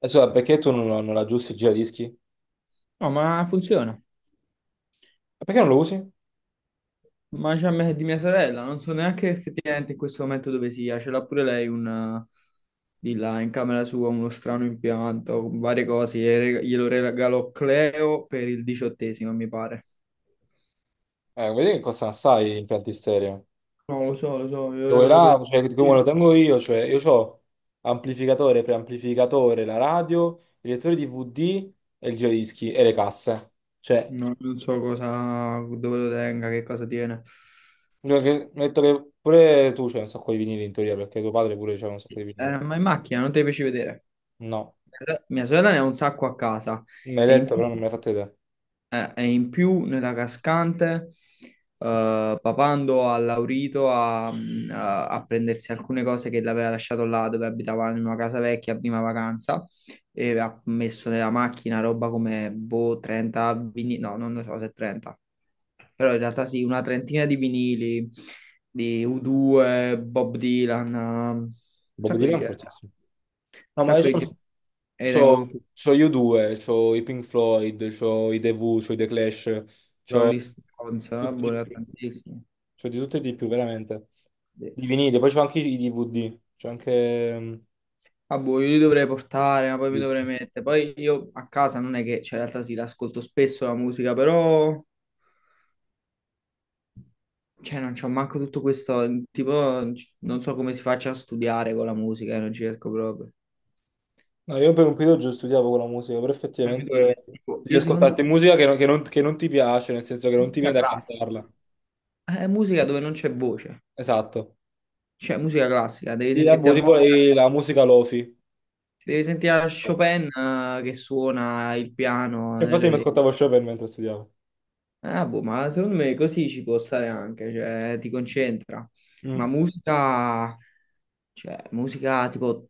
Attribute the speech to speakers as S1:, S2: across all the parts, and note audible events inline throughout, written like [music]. S1: Insomma, perché tu non aggiusti il giradischi? E
S2: No, ma funziona.
S1: perché non lo usi?
S2: Di mia sorella, non so neanche effettivamente in questo momento dove sia. Ce l'ha pure lei un, di là in camera sua uno strano impianto con varie cose. Glielo regalò Cleo per il diciottesimo, mi pare.
S1: Vedi che costano assai gli impianti stereo.
S2: No, lo so, glielo
S1: Cioè, quelli
S2: regalo per il
S1: là, cioè, come lo
S2: diciottesimo.
S1: tengo io, cioè, io ho amplificatore, preamplificatore, la radio, il lettore DVD e il giradischi e le casse. Cioè,
S2: No, non so cosa, dove lo tenga, che cosa tiene.
S1: io metto che pure tu c'hai un sacco di vinili in teoria, perché tuo padre pure c'aveva un sacco di vinili.
S2: Ma in macchina non te li feci vedere.
S1: No,
S2: Mia sorella ne ha un sacco a casa.
S1: mi hai
S2: E in-
S1: detto, però non me l'hai fatto vedere.
S2: e in più nella cascante, Papando ha Laurito a, a prendersi alcune cose che l'aveva lasciato là dove abitava in una casa vecchia a prima vacanza e ha messo nella macchina roba come boh, 30 vinili, no, non lo so se è 30, però in realtà sì, una trentina di vinili di U2, Bob Dylan, un
S1: Bob
S2: sacco di
S1: Dylan è
S2: gente,
S1: fortissimo.
S2: un
S1: No, ma
S2: sacco
S1: io
S2: di gente.
S1: c'ho,
S2: E tengo
S1: c'ho
S2: tutti i
S1: c'ho gli U2, c'ho i Pink Floyd, c'ho i The Who, c'ho i The Clash. C'ho
S2: Rolling Stones,
S1: Tutto
S2: boh,
S1: di
S2: ne ho
S1: più.
S2: tantissimi.
S1: Cioè di tutto e di più, veramente.
S2: Sì.
S1: Di vinile, poi c'ho anche i DVD. C'ho anche
S2: Ah, boh, io li dovrei portare, ma poi mi dovrei
S1: dischi.
S2: mettere. Poi io a casa non è che, cioè, in realtà sì, l'ascolto spesso la musica, però, cioè, non c'ho manco tutto questo, tipo, non so come si faccia a studiare con la musica, non ci riesco proprio.
S1: No, io per un periodo già studiavo con la musica, però
S2: Mi
S1: effettivamente
S2: dovrei mettere, tipo,
S1: devi
S2: io secondo
S1: ascoltarti musica che non ti piace, nel senso che non ti
S2: musica
S1: viene da
S2: classica.
S1: cantarla.
S2: È musica dove non c'è voce,
S1: Esatto.
S2: cioè musica classica, devi
S1: E,
S2: sentirti
S1: boh,
S2: a
S1: tipo
S2: Mozart,
S1: la musica lofi.
S2: ti devi sentire a Chopin che suona il piano nelle
S1: Infatti mi
S2: orecchie.
S1: ascoltavo Chopin mentre studiavo.
S2: Ah, boh, ma secondo me così ci può stare anche, cioè ti concentra. Ma
S1: Mm.
S2: musica, cioè musica tipo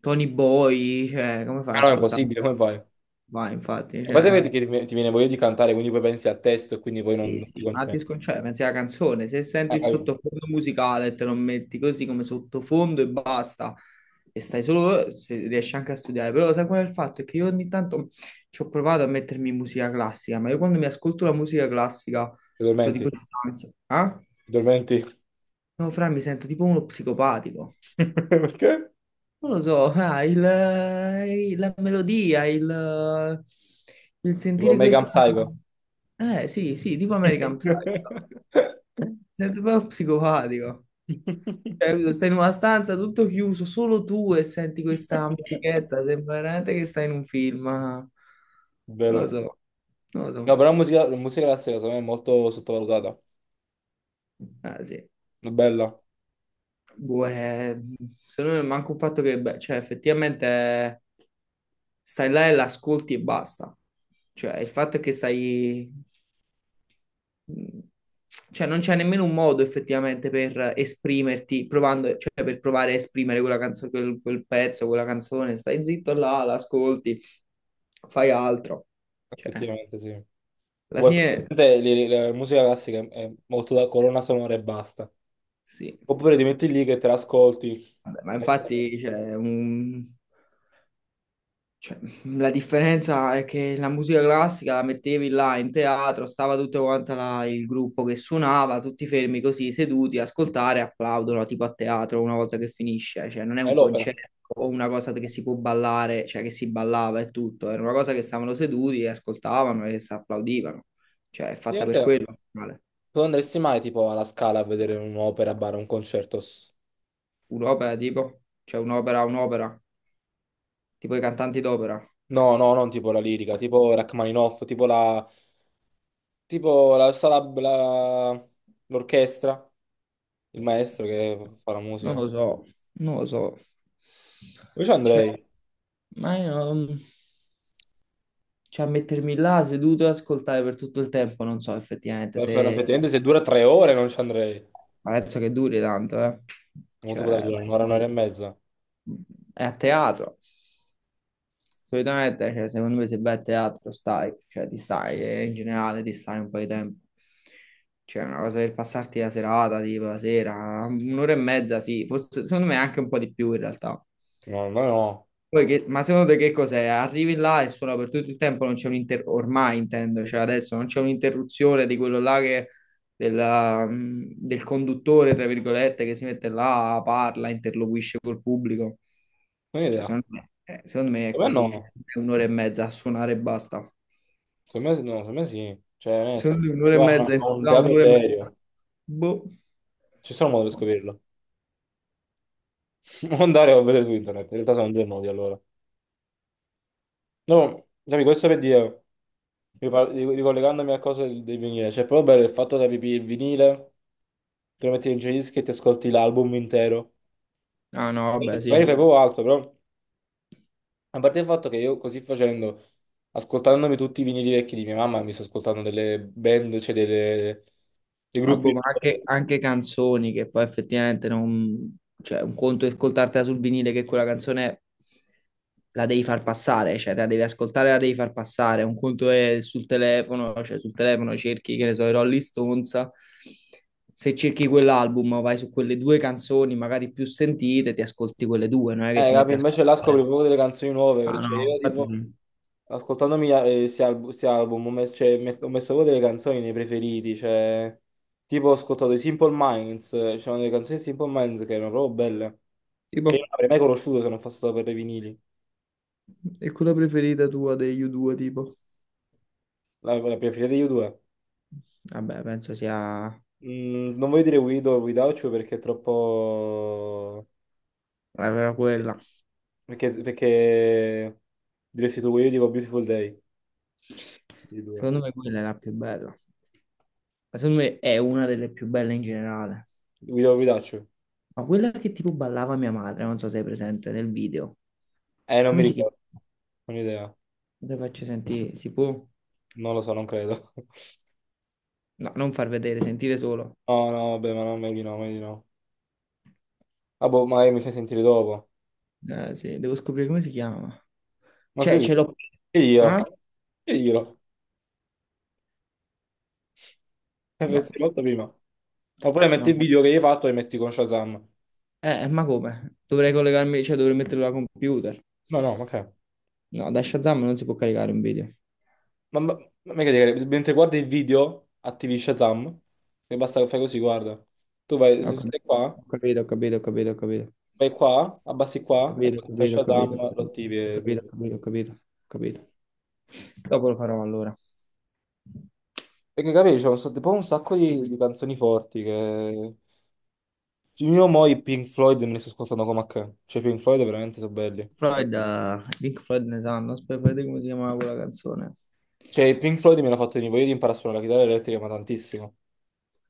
S2: Tony Boy, cioè come fai ad
S1: Però è
S2: ascoltare?
S1: impossibile, come fai? A
S2: Vai, infatti,
S1: parte
S2: cioè,
S1: che ti viene voglia di cantare, quindi poi pensi al testo e quindi poi
S2: sì,
S1: non ti
S2: sì, ma ti
S1: concentri.
S2: sconcentra, pensi alla canzone, se senti
S1: Ah,
S2: il
S1: capito?
S2: sottofondo musicale e te lo metti così come sottofondo e basta, e stai solo, se riesci anche a studiare, però sai qual è il fatto? È che io ogni tanto ci ho provato a mettermi musica classica, ma io quando mi ascolto la musica classica,
S1: Ti
S2: sto
S1: dormenti.
S2: tipo in stanza, eh?
S1: Ti dormenti.
S2: No, Fra, mi sento tipo uno psicopatico.
S1: [laughs] Perché?
S2: Non lo so, [laughs] la melodia, il
S1: Tipo
S2: sentire
S1: American
S2: questa...
S1: Psycho.
S2: Sì, sì, tipo American Psycho. Mi sento proprio psicopatico. Cioè, capito? Stai in una stanza tutto chiuso, solo tu e senti questa musichetta, sembra veramente che stai in un film. Non lo
S1: Vero.
S2: so, non lo
S1: No,
S2: so.
S1: però la musica classica secondo me è molto sottovalutata.
S2: Ah, sì.
S1: È bella,
S2: Boh, è- secondo me manca un fatto che, beh, cioè, effettivamente stai là e l'ascolti e basta. Cioè, il fatto è che stai... Cioè, non c'è nemmeno un modo effettivamente per esprimerti, provando, cioè, per provare a esprimere quella canzone, quel pezzo, quella canzone. Stai zitto là, l'ascolti, fai altro. Cioè,
S1: effettivamente sì.
S2: alla
S1: Poi
S2: fine,
S1: effettivamente la musica classica è molto da colonna sonora e basta.
S2: sì.
S1: Oppure ti metti lì che te l'ascolti.
S2: Vabbè, ma
S1: e-
S2: infatti, cioè, cioè, la differenza è che la musica classica la mettevi là in teatro, stava tutto quanto là il gruppo che suonava, tutti fermi così, seduti, a ascoltare, applaudono tipo a teatro una volta che finisce, cioè non è
S1: È
S2: un
S1: l'opera.
S2: concerto o una cosa che si può ballare, cioè che si ballava e tutto, era una cosa che stavano seduti e ascoltavano e si applaudivano, cioè è fatta per
S1: Ovviamente
S2: quello. Male.
S1: tu andresti mai tipo alla Scala a vedere un'opera, bar, un concerto?
S2: Un'opera, tipo i cantanti d'opera,
S1: No, no, non tipo la lirica, tipo Rachmaninoff, tipo la. Tipo la sala, l'orchestra, il maestro che fa la
S2: non
S1: musica.
S2: lo so, non lo so.
S1: Io ci
S2: Cioè,
S1: andrei.
S2: ma io, mm, cioè, a mettermi là seduto e ascoltare per tutto il tempo, non so effettivamente se...
S1: Effettivamente se dura 3 ore non ci andrei.
S2: Ma penso che duri tanto, eh.
S1: Quanto potrà
S2: Cioè,
S1: durare?
S2: penso
S1: Un'ora, un'ora e
S2: che-
S1: mezza?
S2: è a teatro. Solitamente, cioè, secondo me se vai a teatro stai, cioè ti stai, e in generale ti stai un po' di tempo. Cioè, una cosa per passarti la serata, tipo la sera, un'ora e mezza, sì, forse secondo me anche un po' di più in realtà.
S1: No, no, no.
S2: Ma secondo te che cos'è? Arrivi là e suona per tutto il tempo, non c'è un'inter... ormai intendo, cioè adesso non c'è un'interruzione di quello là che... del conduttore, tra virgolette, che si mette là, parla, interloquisce col pubblico.
S1: Non ho
S2: Cioè,
S1: idea.
S2: secondo me è
S1: Secondo me
S2: così, cioè,
S1: no.
S2: è un'ora e mezza a suonare e basta.
S1: Secondo me, no, secondo me sì. Cioè, onesto.
S2: Secondo me
S1: Se
S2: un'ora e
S1: vai a un
S2: mezza,
S1: a un
S2: là,
S1: teatro
S2: un'ora e mezza.
S1: serio.
S2: Boh.
S1: Ci sono modi per scoprirlo. [laughs] Non andare a vedere su internet. In realtà sono due modi allora. No, capi, questo per dire, ricollegandomi a cose del vinile. Cioè, proprio per il fatto che capì, il vinile, te lo metti in giradischi e ti ascolti l'album intero.
S2: Ah no, vabbè,
S1: Magari fai
S2: sì.
S1: proprio altro, però a parte il fatto che io così facendo, ascoltandomi tutti i vinili vecchi di mia mamma, mi sto ascoltando delle band, cioè dei
S2: Ah,
S1: gruppi.
S2: boh, ma anche, anche canzoni che poi effettivamente non... Cioè, un conto è ascoltartela sul vinile che quella canzone la devi far passare, cioè te la devi ascoltare, la devi far passare. Un conto è sul telefono, cioè sul telefono cerchi, che ne so, i Rolling Stones. Se cerchi quell'album, vai su quelle due canzoni magari più sentite, ti ascolti quelle due, non è che ti
S1: Capi?
S2: metti a
S1: Invece là scopri
S2: ascoltare.
S1: proprio delle canzoni nuove,
S2: Ah
S1: cioè
S2: no,
S1: io
S2: infatti
S1: tipo,
S2: sì.
S1: ascoltandomi sti album, ho messo, cioè, ho messo proprio delle canzoni nei preferiti, cioè, tipo ho ascoltato i Simple Minds, c'erano delle canzoni di Simple Minds che erano proprio belle, che io
S2: Tipo,
S1: non avrei mai conosciuto se non fosse stato per i vinili,
S2: e quella preferita tua degli U2, tipo?
S1: la preferita di U2.
S2: Vabbè, penso sia...
S1: Non voglio dire Guido o Guidaucio perché è troppo.
S2: era
S1: eh,
S2: quella.
S1: Perché, perché... Diresti tu Guido, io dico Beautiful Day, di due.
S2: Secondo me quella è la più bella. Ma secondo me è una delle più belle in generale.
S1: Guido o Guidaucio?
S2: Ma quella che tipo ballava mia madre, non so se è presente nel video.
S1: Non mi
S2: Come si chiama?
S1: ricordo, non ho idea.
S2: Te faccio sentire, si può?
S1: Non lo so, non credo. [laughs]
S2: No, non far vedere, sentire solo.
S1: No, no, vabbè, ma non meglio di no, meglio di no. Ah, boh, magari mi fai sentire dopo.
S2: Sì, devo scoprire come si chiama.
S1: Ma
S2: Cioè, ce
S1: che
S2: l'ho...
S1: che io?
S2: Ah?
S1: Che io? [laughs]
S2: No,
S1: Pensavo molto prima. Oppure metti
S2: no.
S1: il video che hai fatto e metti con Shazam.
S2: Ma come? Dovrei collegarmi, cioè dovrei metterlo al computer.
S1: No, no, ma che?
S2: No, da Shazam non si può caricare un video.
S1: Ma, ma, ma mica dire, mentre guardi il video, attivi Shazam, e basta che fai così, guarda. Tu
S2: Ho
S1: vai,
S2: cap-
S1: stai qua,
S2: ho capito, ho capito.
S1: vai qua, abbassi qua, e
S2: Capito,
S1: qua sta
S2: capito,
S1: Shazam,
S2: capito,
S1: lo attivi.
S2: capito. Capito. Dopo lo farò allora.
S1: Perché capisci, c'è tipo un sacco di canzoni forti che. Cioè, io mo i Pink Floyd me li sto ascoltando come a che. Cioè, i Pink Floyd veramente sono belli.
S2: Pink Floyd ne sanno, aspetta, vedete come si chiamava quella canzone.
S1: Cioè, i Pink Floyd mi hanno fatto venire voglia di imparare a suonare la chitarra elettrica, ma tantissimo.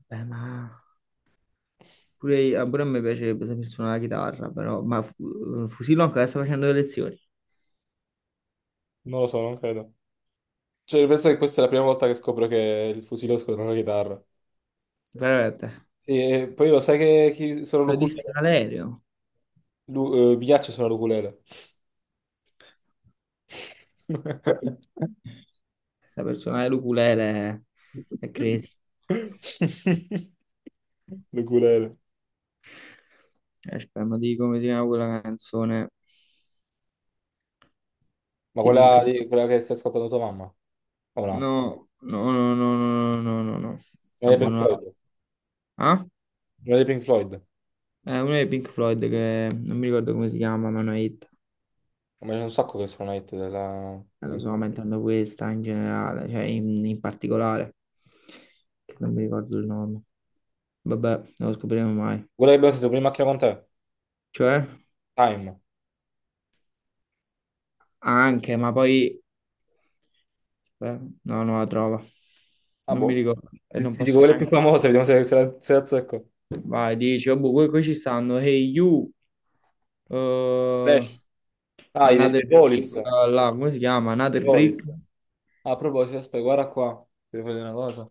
S2: Ma pure, pure a me piacerebbe saper suonare la chitarra, però, Fusillo ancora sta facendo le lezioni,
S1: Non lo so, non credo. Cioè, penso che questa è la prima volta che scopro che il fusilosco non è una chitarra.
S2: veramente.
S1: Sì, e poi lo sai che chi sono
S2: Lo
S1: l'oculista?
S2: disse Valerio,
S1: Mi piace suonare l'ukulele.
S2: saper suonare l'ukulele è crazy.
S1: [laughs] L'ukulele.
S2: Aspetta, ma di come si chiama quella canzone
S1: Ma
S2: di Pink
S1: quella,
S2: Floyd?
S1: di- quella che stai ascoltando tua mamma? O un'altra?
S2: No, no, no, no, no, no, no, no. no.
S1: Una dei Pink
S2: Abbonato.
S1: Floyd.
S2: Ah?
S1: Una dei Pink Floyd.
S2: È uno dei Pink Floyd che non mi ricordo come si chiama, ma è una hit.
S1: Ma c'è un sacco che sono hit
S2: Lo
S1: dei
S2: sto
S1: Pink-.
S2: aumentando questa in generale, cioè in particolare, che non mi ricordo il nome. Vabbè, non lo scopriremo mai.
S1: Quella che abbiamo sentito prima in macchina con te.
S2: Cioè,
S1: Time.
S2: anche, ma poi... Beh, no, non la trovo.
S1: Ah,
S2: Non mi
S1: boh.
S2: ricordo. E
S1: Ti,
S2: non
S1: ti dico
S2: posso
S1: quelle più
S2: neanche...
S1: famose, vediamo se la azzecco.
S2: Vai, dici, oh, boh, qui ci stanno. Hey you. eh,
S1: Flash. Ah, i The
S2: Another
S1: The
S2: Brick,
S1: Police.
S2: come si chiama?
S1: The
S2: Another Brick?
S1: Police. Ah, a proposito, aspetta, guarda qua. Ti devo dire una cosa.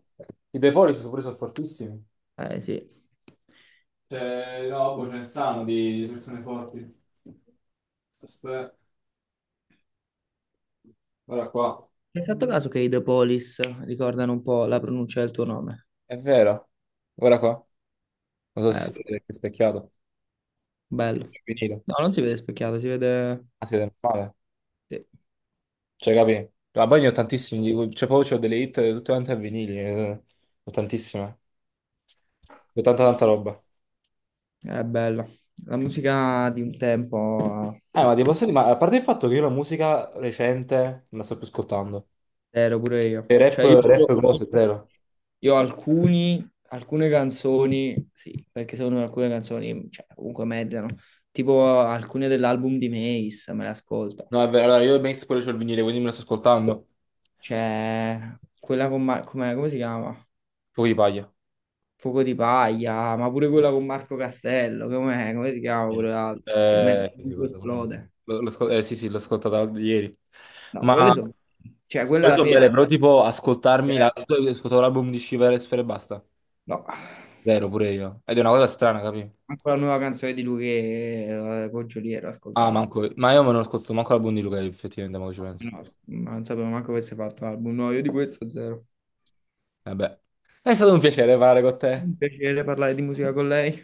S1: I The Police sono pure sono fortissimi.
S2: Eh sì.
S1: Cioè, no, poi ce ne stanno di persone forti. Aspetta, guarda qua.
S2: Hai fatto caso che i The Police ricordano un po' la pronuncia del tuo nome?
S1: È vero. Guarda qua. Non so se
S2: Eh,
S1: si
S2: f-
S1: vede perché è specchiato.
S2: bello.
S1: È vinile.
S2: No, non si vede specchiato, si vede...
S1: Ah, si vede male.
S2: Sì,
S1: Cioè, capi? Ma poi ne ho tantissimi. Cioè, poi c'ho delle hit tutte quante a vinili. Ho tantissime. Ho tanta tanta roba.
S2: è bella. La musica di un tempo
S1: Ma ti posso dire, ma a parte il fatto che io la musica recente non la sto più ascoltando.
S2: eh, Ero pure io.
S1: E rap, rap cose, zero.
S2: Io ho alcuni, alcune canzoni, sì, perché secondo me alcune canzoni, cioè, comunque meritano. Tipo alcune dell'album di Mace, me le ascolto.
S1: No, è vero, allora io Mace pure c'ho il vinile, quindi me la sto ascoltando.
S2: Cioè, quella con Mar- com'è- come si chiama?
S1: Poi di paglia.
S2: Fuoco di paglia, ma pure quella con Marco Castello, com'è? Come si chiama pure l'altra? Il mezzo
S1: Sì, sì,
S2: mondo
S1: guarda, quello no.
S2: esplode.
S1: Sì, sì, l'ho ascoltata ieri.
S2: No,
S1: Ma
S2: quelle sono... Cioè, quella
S1: poi
S2: alla
S1: sono
S2: fine...
S1: belle,
S2: te-
S1: però tipo ascoltarmi
S2: eh,
S1: ascoltavo l'album di Shiver e Sfera e basta.
S2: no.
S1: Zero pure io. Ed è una cosa strana, capi?
S2: Anche la nuova canzone di lui che con Giuliero, ho
S1: Ah,
S2: ascoltato.
S1: manco, ma io me non ascolto manco l'album di Luca, effettivamente, ma ci penso.
S2: No, non sapevo manco avesse fatto l'album. No, io di questo zero.
S1: Vabbè. È stato un piacere parlare con te.
S2: Un piacere parlare di musica con lei.